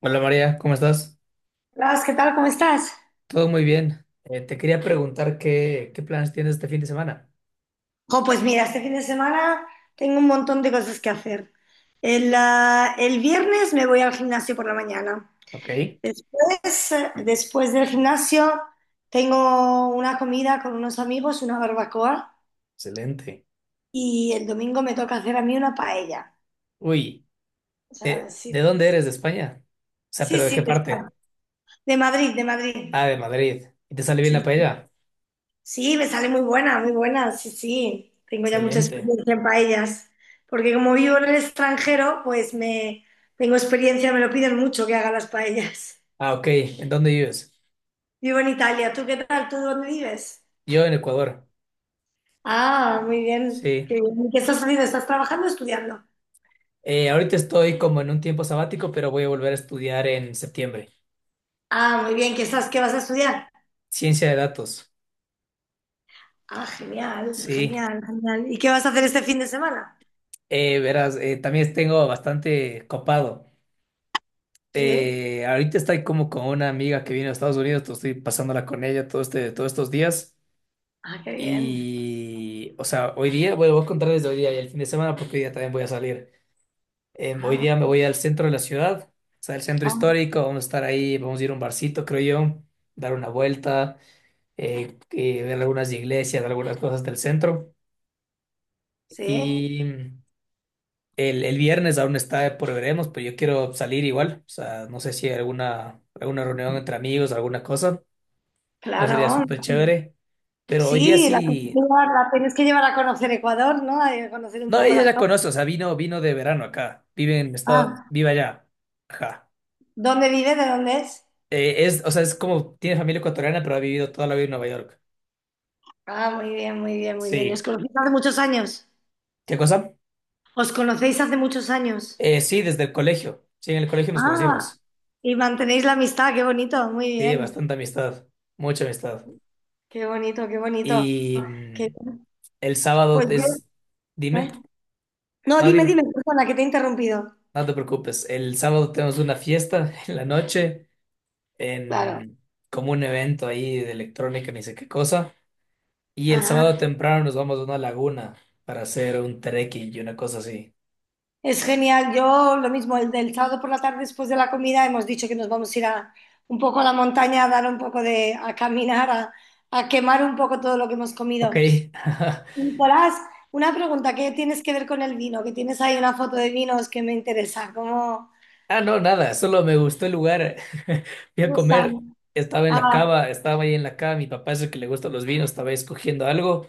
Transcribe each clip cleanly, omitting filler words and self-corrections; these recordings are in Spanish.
Hola María, ¿cómo estás? Blas, ¿qué tal? ¿Cómo estás? Todo muy bien. Te quería preguntar qué planes tienes este fin de semana. Jo, pues mira, este fin de semana tengo un montón de cosas que hacer. El viernes me voy al gimnasio por la mañana. Ok, Después, después del gimnasio tengo una comida con unos amigos, una barbacoa, excelente. y el domingo me toca hacer a mí una paella. Uy, ¿Sabes? Sí, ¿de dónde eres? ¿De España? O sea, sí, ¿pero de sí, qué parte? de Madrid, de Madrid. Ah, de Madrid. ¿Y te sale bien la Sí. paella? Sí, me sale muy buena, sí, sí. Tengo ya mucha Excelente. experiencia en paellas, porque como vivo en el extranjero, pues me tengo experiencia, me lo piden mucho que haga las paellas. Ah, ok, ¿en dónde vives? Vivo en Italia, ¿tú qué tal? ¿Tú dónde vives? Yo en Ecuador. Ah, muy bien. Qué Sí. bien. ¿Qué estás haciendo? ¿Estás trabajando o estudiando? Ahorita estoy como en un tiempo sabático, pero voy a volver a estudiar en septiembre. Ah, muy bien. ¿Qué estás? ¿Qué vas a estudiar? Ciencia de datos. Ah, genial, Sí. genial, genial. ¿Y qué vas a hacer este fin de semana? Verás, también tengo bastante copado. Sí. Ahorita estoy como con una amiga que viene a Estados Unidos, estoy pasándola con ella todo todos estos días. Ah, qué bien. Y, o sea, hoy día, bueno, voy a contar desde hoy día y el fin de semana porque hoy día también voy a salir. Hoy Ah, día me voy al centro de la ciudad, o sea, el centro ah, histórico, vamos a estar ahí, vamos a ir a un barcito, creo yo, dar una vuelta, ver algunas iglesias, algunas cosas del centro. sí, Y el viernes aún está por veremos, pero yo quiero salir igual, o sea, no sé si hay alguna reunión entre amigos, alguna cosa. No sería claro. súper chévere. Pero hoy día Sí, la tienes que sí. llevar, la tienes que llevar a conocer Ecuador, ¿no? A conocer un No, poco ella la la zona. conoce, o sea, vino de verano acá. Ah, Vive allá. Ajá. ¿dónde vive? ¿De dónde es? Es, o sea, es como tiene familia ecuatoriana, pero ha vivido toda la vida en Nueva York. Ah, muy bien, muy bien, muy bien. ¿Os Sí. conocéis hace muchos años? ¿Qué cosa? ¿Os conocéis hace muchos años? Sí, desde el colegio. Sí, en el colegio nos Ah, conocimos. y mantenéis la amistad, qué bonito, muy Sí, bien. bastante amistad. Mucha amistad. Qué bonito, qué bonito. Y Que, el sábado pues es. yo, Dime. ¿eh? No, No, dime, dime. dime, Persona que te he interrumpido. No te preocupes. El sábado tenemos una fiesta en la noche. Claro. En Como un evento ahí de electrónica, ni sé qué cosa. Y el sábado Ajá. temprano nos vamos a una laguna para hacer un trekking y una cosa así. Es genial. Yo lo mismo, el del sábado por la tarde después de la comida hemos dicho que nos vamos a ir a, un poco a la montaña, a dar un poco de, a caminar, a quemar un poco todo lo que hemos Ok. comido. Nicolás, una pregunta, ¿qué tienes que ver con el vino? Que tienes ahí una foto de vinos que me interesa. ¿Cómo Ah, no, nada, solo me gustó el lugar. Fui te a gustan? comer, estaba en la Ah, cava, estaba ahí en la cava, mi papá es el que le gustan los vinos, estaba escogiendo algo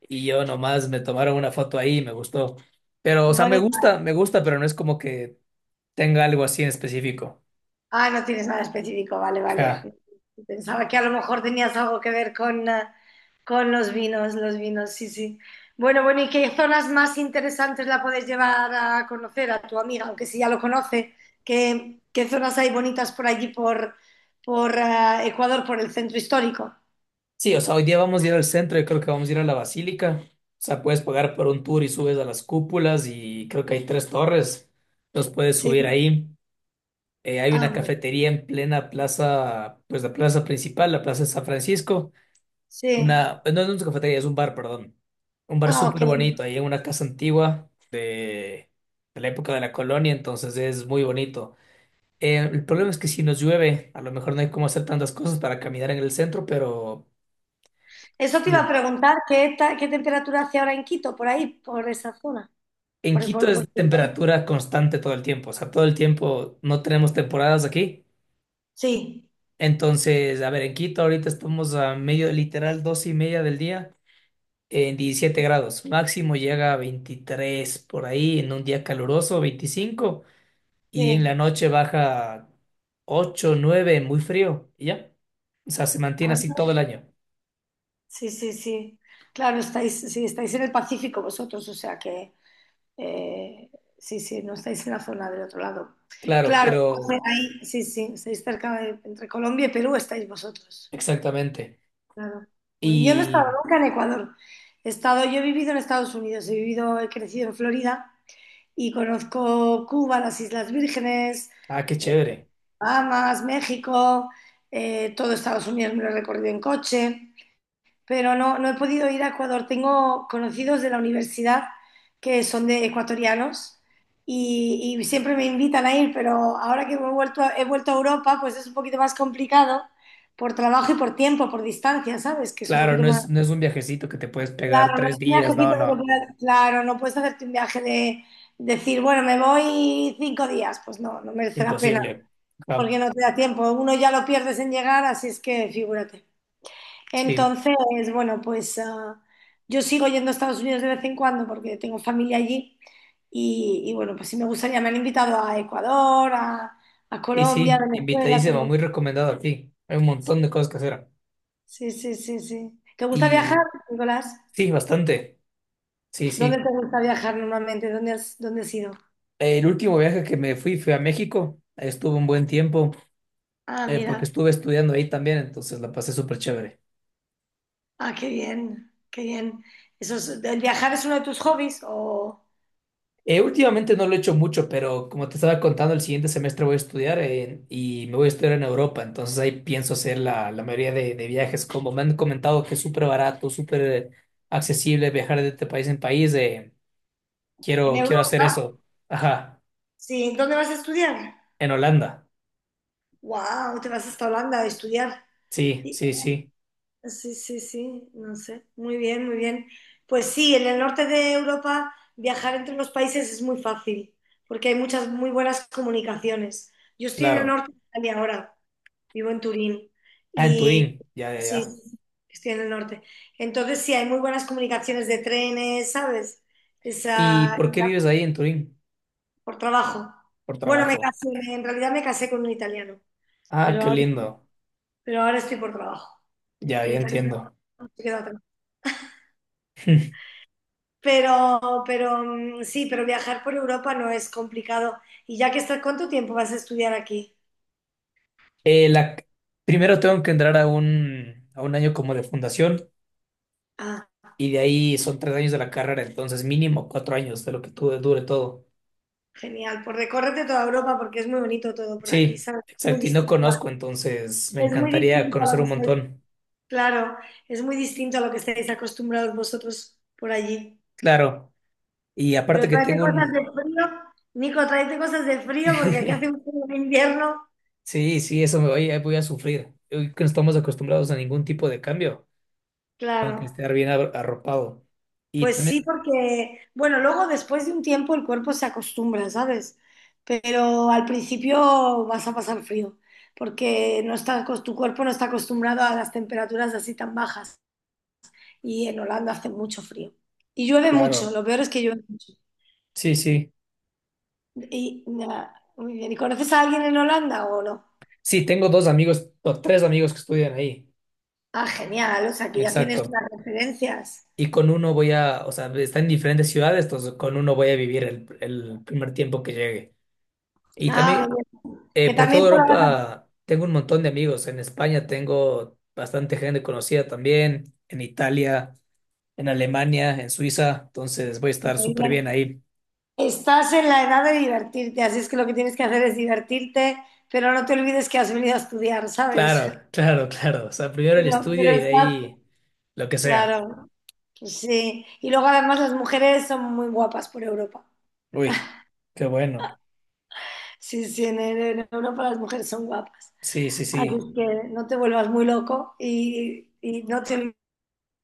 y yo nomás me tomaron una foto ahí y me gustó. Pero, o sea, bonito. Me gusta, pero no es como que tenga algo así en específico. Ah, no tienes nada específico, vale, vale. Ja. Pensaba que a lo mejor tenías algo que ver con, ah, con los vinos, sí, sí. Bueno, bueno, ¿y qué zonas más interesantes la puedes llevar a conocer a tu amiga, aunque si ya lo conoce? ¿Qué, qué zonas hay bonitas por allí, por, por Ecuador, por el centro histórico? Sí, o sea, hoy día vamos a ir al centro. Yo creo que vamos a ir a la basílica. O sea, puedes pagar por un tour y subes a las cúpulas y creo que hay tres torres. Los puedes subir Sí, ahí. Hay ah, una bueno, cafetería en plena plaza, pues la plaza principal, la plaza de San Francisco. sí. Una, pues, no es una cafetería, es un bar, perdón. Un bar Ah, ok. súper bonito, ahí en una casa antigua de la época de la colonia, entonces es muy bonito. El problema es que si nos llueve, a lo mejor no hay cómo hacer tantas cosas para caminar en el centro, pero... Eso te iba Sí. a preguntar, ¿ qué temperatura hace ahora en Quito, por ahí, por esa zona? En Quito Por- es temperatura constante todo el tiempo, o sea, todo el tiempo no tenemos temporadas aquí. Sí, Entonces, a ver, en Quito ahorita estamos a medio, literal, 2:30 del día en 17 grados. Máximo llega a 23 por ahí en un día caluroso, 25, y en sí. la noche baja 8 9 muy frío, y ya. O sea, se mantiene Ah, así todo el año. sí, sí, sí. Claro, estáis, sí, estáis en el Pacífico vosotros, o sea que eh, sí, sí, no estáis en la zona del otro lado. Claro, Claro, pero ahí, sí, sí, estáis cerca de, entre Colombia y Perú estáis vosotros. exactamente. Claro. Muy- Yo no he estado Y, nunca en Ecuador. He estado, yo he vivido en Estados Unidos, he vivido, he crecido en Florida y conozco Cuba, las Islas Vírgenes, ah, qué eh, chévere. Bahamas, México, todo Estados Unidos me lo he recorrido en coche pero no, no he podido ir a Ecuador. Tengo conocidos de la universidad que son de ecuatorianos y siempre me invitan a ir, pero ahora que me he vuelto a Europa, pues es un poquito más complicado por trabajo y por tiempo, por distancia, ¿sabes? Que es un Claro, poquito no más... es, no es un viajecito que te puedes pegar Claro, no tres es un días, no, viajecito de no, comprar- Claro, no puedes hacerte un viaje de decir, bueno, me voy cinco días. Pues no, no merece la pena, imposible. Ah, porque no te da tiempo. Uno ya lo pierdes en llegar, así es que figúrate. sí, Entonces, bueno, pues yo sigo yendo a Estados Unidos de vez en cuando porque tengo familia allí y, bueno, pues sí me gustaría, me han invitado a Ecuador, a y Colombia, sí, Venezuela, invitadísimo, tengo- muy recomendado aquí. Hay un montón de cosas que hacer. Sí, sí, sí, sí. ¿Te gusta viajar, Y Nicolás? sí, bastante, sí, ¿Dónde sí. te gusta viajar normalmente? Dónde has ido? El último viaje que me fui fue a México, estuve un buen tiempo Ah, porque mira, estuve estudiando ahí también, entonces la pasé súper chévere. ah, qué bien, qué bien. Eso es- ¿el viajar es uno de tus hobbies o Últimamente no lo he hecho mucho, pero como te estaba contando, el siguiente semestre voy a estudiar y me voy a estudiar en Europa, entonces ahí pienso hacer la mayoría de viajes, como me han comentado que es súper barato, súper accesible viajar de este país en país, en quiero hacer Europa? eso. Ajá, Sí, ¿dónde vas a estudiar? en Holanda. Wow, te vas hasta Holanda a estudiar. Sí, sí, sí, Sí, sí, sí, no sé. Muy bien, muy bien. Pues sí, en el norte de Europa viajar entre los países es muy fácil, porque hay muchas muy buenas comunicaciones. Yo estoy en el claro. norte de Italia ahora, vivo en Turín, Ah, en y Turín, ya, ya, sí, ya. sí, estoy en el norte. Entonces sí, hay muy buenas comunicaciones de trenes, ¿sabes? ¿Y Esa, por qué vives ahí en Turín? por trabajo. Por Bueno, me trabajo. casé, en realidad me casé con un italiano, Ah, pero qué ahora, lindo. pero ahora estoy por trabajo. Ya, El ya italiano entiendo. se quedó. Pero, pero sí, pero viajar por Europa no es complicado. Y ya que estás, ¿cuánto tiempo vas a estudiar aquí? Eh, la, Primero tengo que entrar a un, año como de fundación Ah, y de ahí son 3 años de la carrera, entonces mínimo 4 años de lo que dure todo. genial. Pues recórrete toda Europa porque es muy bonito todo por aquí, Sí, ¿sabes? Muy exacto, y no distinto a- conozco, entonces me es muy encantaría distinto a lo conocer que un estáis, montón, claro, es muy distinto a lo que estáis acostumbrados vosotros por allí. claro. Y aparte Pero que tráete tengo cosas de un... frío, Nico, tráete cosas de frío porque aquí hace un frío de invierno. Sí, sí, eso voy a sufrir. Hoy que no estamos acostumbrados a ningún tipo de cambio, tengo que Claro. estar bien arropado. Y Pues sí, también, porque, bueno, luego después de un tiempo el cuerpo se acostumbra, ¿sabes? Pero al principio vas a pasar frío, porque no está, acos- tu cuerpo no está acostumbrado a las temperaturas así tan bajas. Y en Holanda hace mucho frío. Y llueve mucho, claro, lo peor es que llueve mucho. sí, sí. Y, nada, muy bien. ¿Y conoces a alguien en Holanda o no? Sí, tengo dos amigos, o tres amigos que estudian ahí. Ah, genial, o sea, que ya tienes Exacto. unas referencias. Y con uno voy a, o sea, está en diferentes ciudades, entonces con uno voy a vivir el primer tiempo que llegue. Y Ah, también muy bien. Que por también toda te lo vas a... Europa tengo un montón de amigos. En España tengo bastante gente conocida también, en Italia, en Alemania, en Suiza, entonces voy a estar muy súper bien bien. ahí. Estás en la edad de divertirte, así es que lo que tienes que hacer es divertirte, pero no te olvides que has venido a estudiar, ¿sabes? Claro, claro, claro. O sea, primero el estudio Pero y de estás, ahí lo que sea. claro, pues sí. Y luego además las mujeres son muy guapas por Europa. Uy, qué bueno. Sí, sí, en Europa las mujeres son guapas. Sí, sí, Así es sí. que no te vuelvas muy loco y no te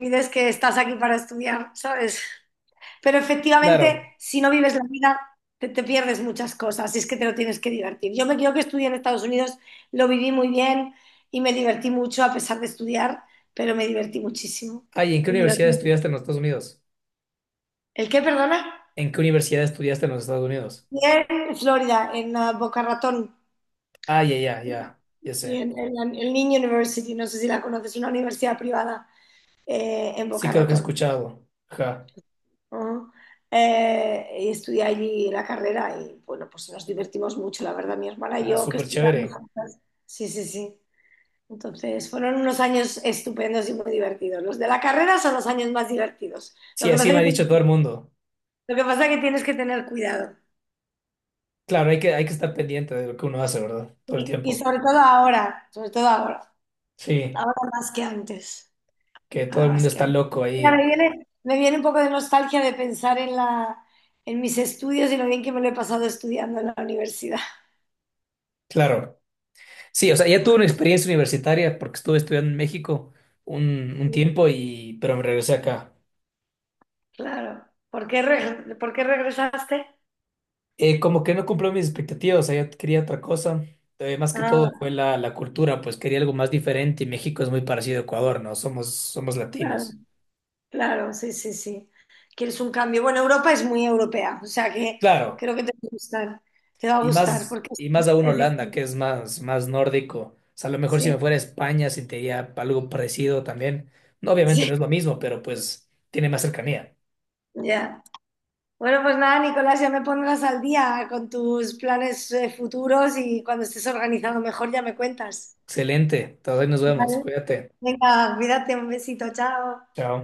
olvides que estás aquí para estudiar, ¿sabes? Pero efectivamente, Claro. si no vives la vida, te pierdes muchas cosas y es que te lo tienes que divertir. Yo me yo que estudié en Estados Unidos, lo viví muy bien y me divertí mucho a pesar de estudiar, pero me divertí muchísimo. Ay, ¿en qué Coño, universidad estudiaste en los Estados Unidos? ¿El qué, perdona? ¿En qué universidad estudiaste en los Estados Unidos? Bien, En Florida, en Boca Ratón, Ah, ya, ya, ya, ya sí, sé. En la- en Lee University, no sé si la conoces, una universidad privada en Sí, Boca creo que he Ratón. escuchado. Ajá. Ah, y estudié allí la carrera y bueno, pues nos divertimos mucho, la verdad, mi hermana y Ah, yo que súper estudiamos chévere. juntas. Sí, sí, sí. Entonces, fueron unos años estupendos y muy divertidos. Los de la carrera son los años más divertidos. Lo Sí, que así pasa me ha que, lo dicho todo el mundo. que pasa que tienes que tener cuidado. Claro, hay que estar pendiente de lo que uno hace, ¿verdad? Todo el Y tiempo. sobre todo ahora, sobre todo ahora. Sí, Ahora más que antes. que todo Ahora el mundo más que está antes. loco Mira, ahí. Me viene un poco de nostalgia de pensar en la, en mis estudios y lo bien que me lo he pasado estudiando en la universidad. Claro. Sí, o sea, ya tuve una experiencia universitaria porque estuve estudiando en México un tiempo y, pero me regresé acá. Claro. ¿Por qué, reg- por qué regresaste? Como que no cumplió mis expectativas, o sea, yo quería otra cosa. Más que todo Ah, fue la cultura, pues quería algo más diferente y México es muy parecido a Ecuador, ¿no? Somos claro, latinos. claro, sí, sí, sí. Quieres un cambio. Bueno, Europa es muy europea, o sea que Claro. creo que te va a gustar. Te va a Y gustar más, porque y más aún es Holanda, que distinto. es más nórdico. O sea, a lo mejor si me Sí, fuera a España sentiría algo parecido también. No, obviamente no sí, es lo mismo, pero pues tiene más cercanía. ya. Bueno, pues nada, Nicolás, ya me pondrás al día con tus planes futuros y cuando estés organizado mejor ya me cuentas. Excelente. Entonces ahí nos vemos. Vale. Cuídate. Venga, cuídate, un besito, chao. Chao.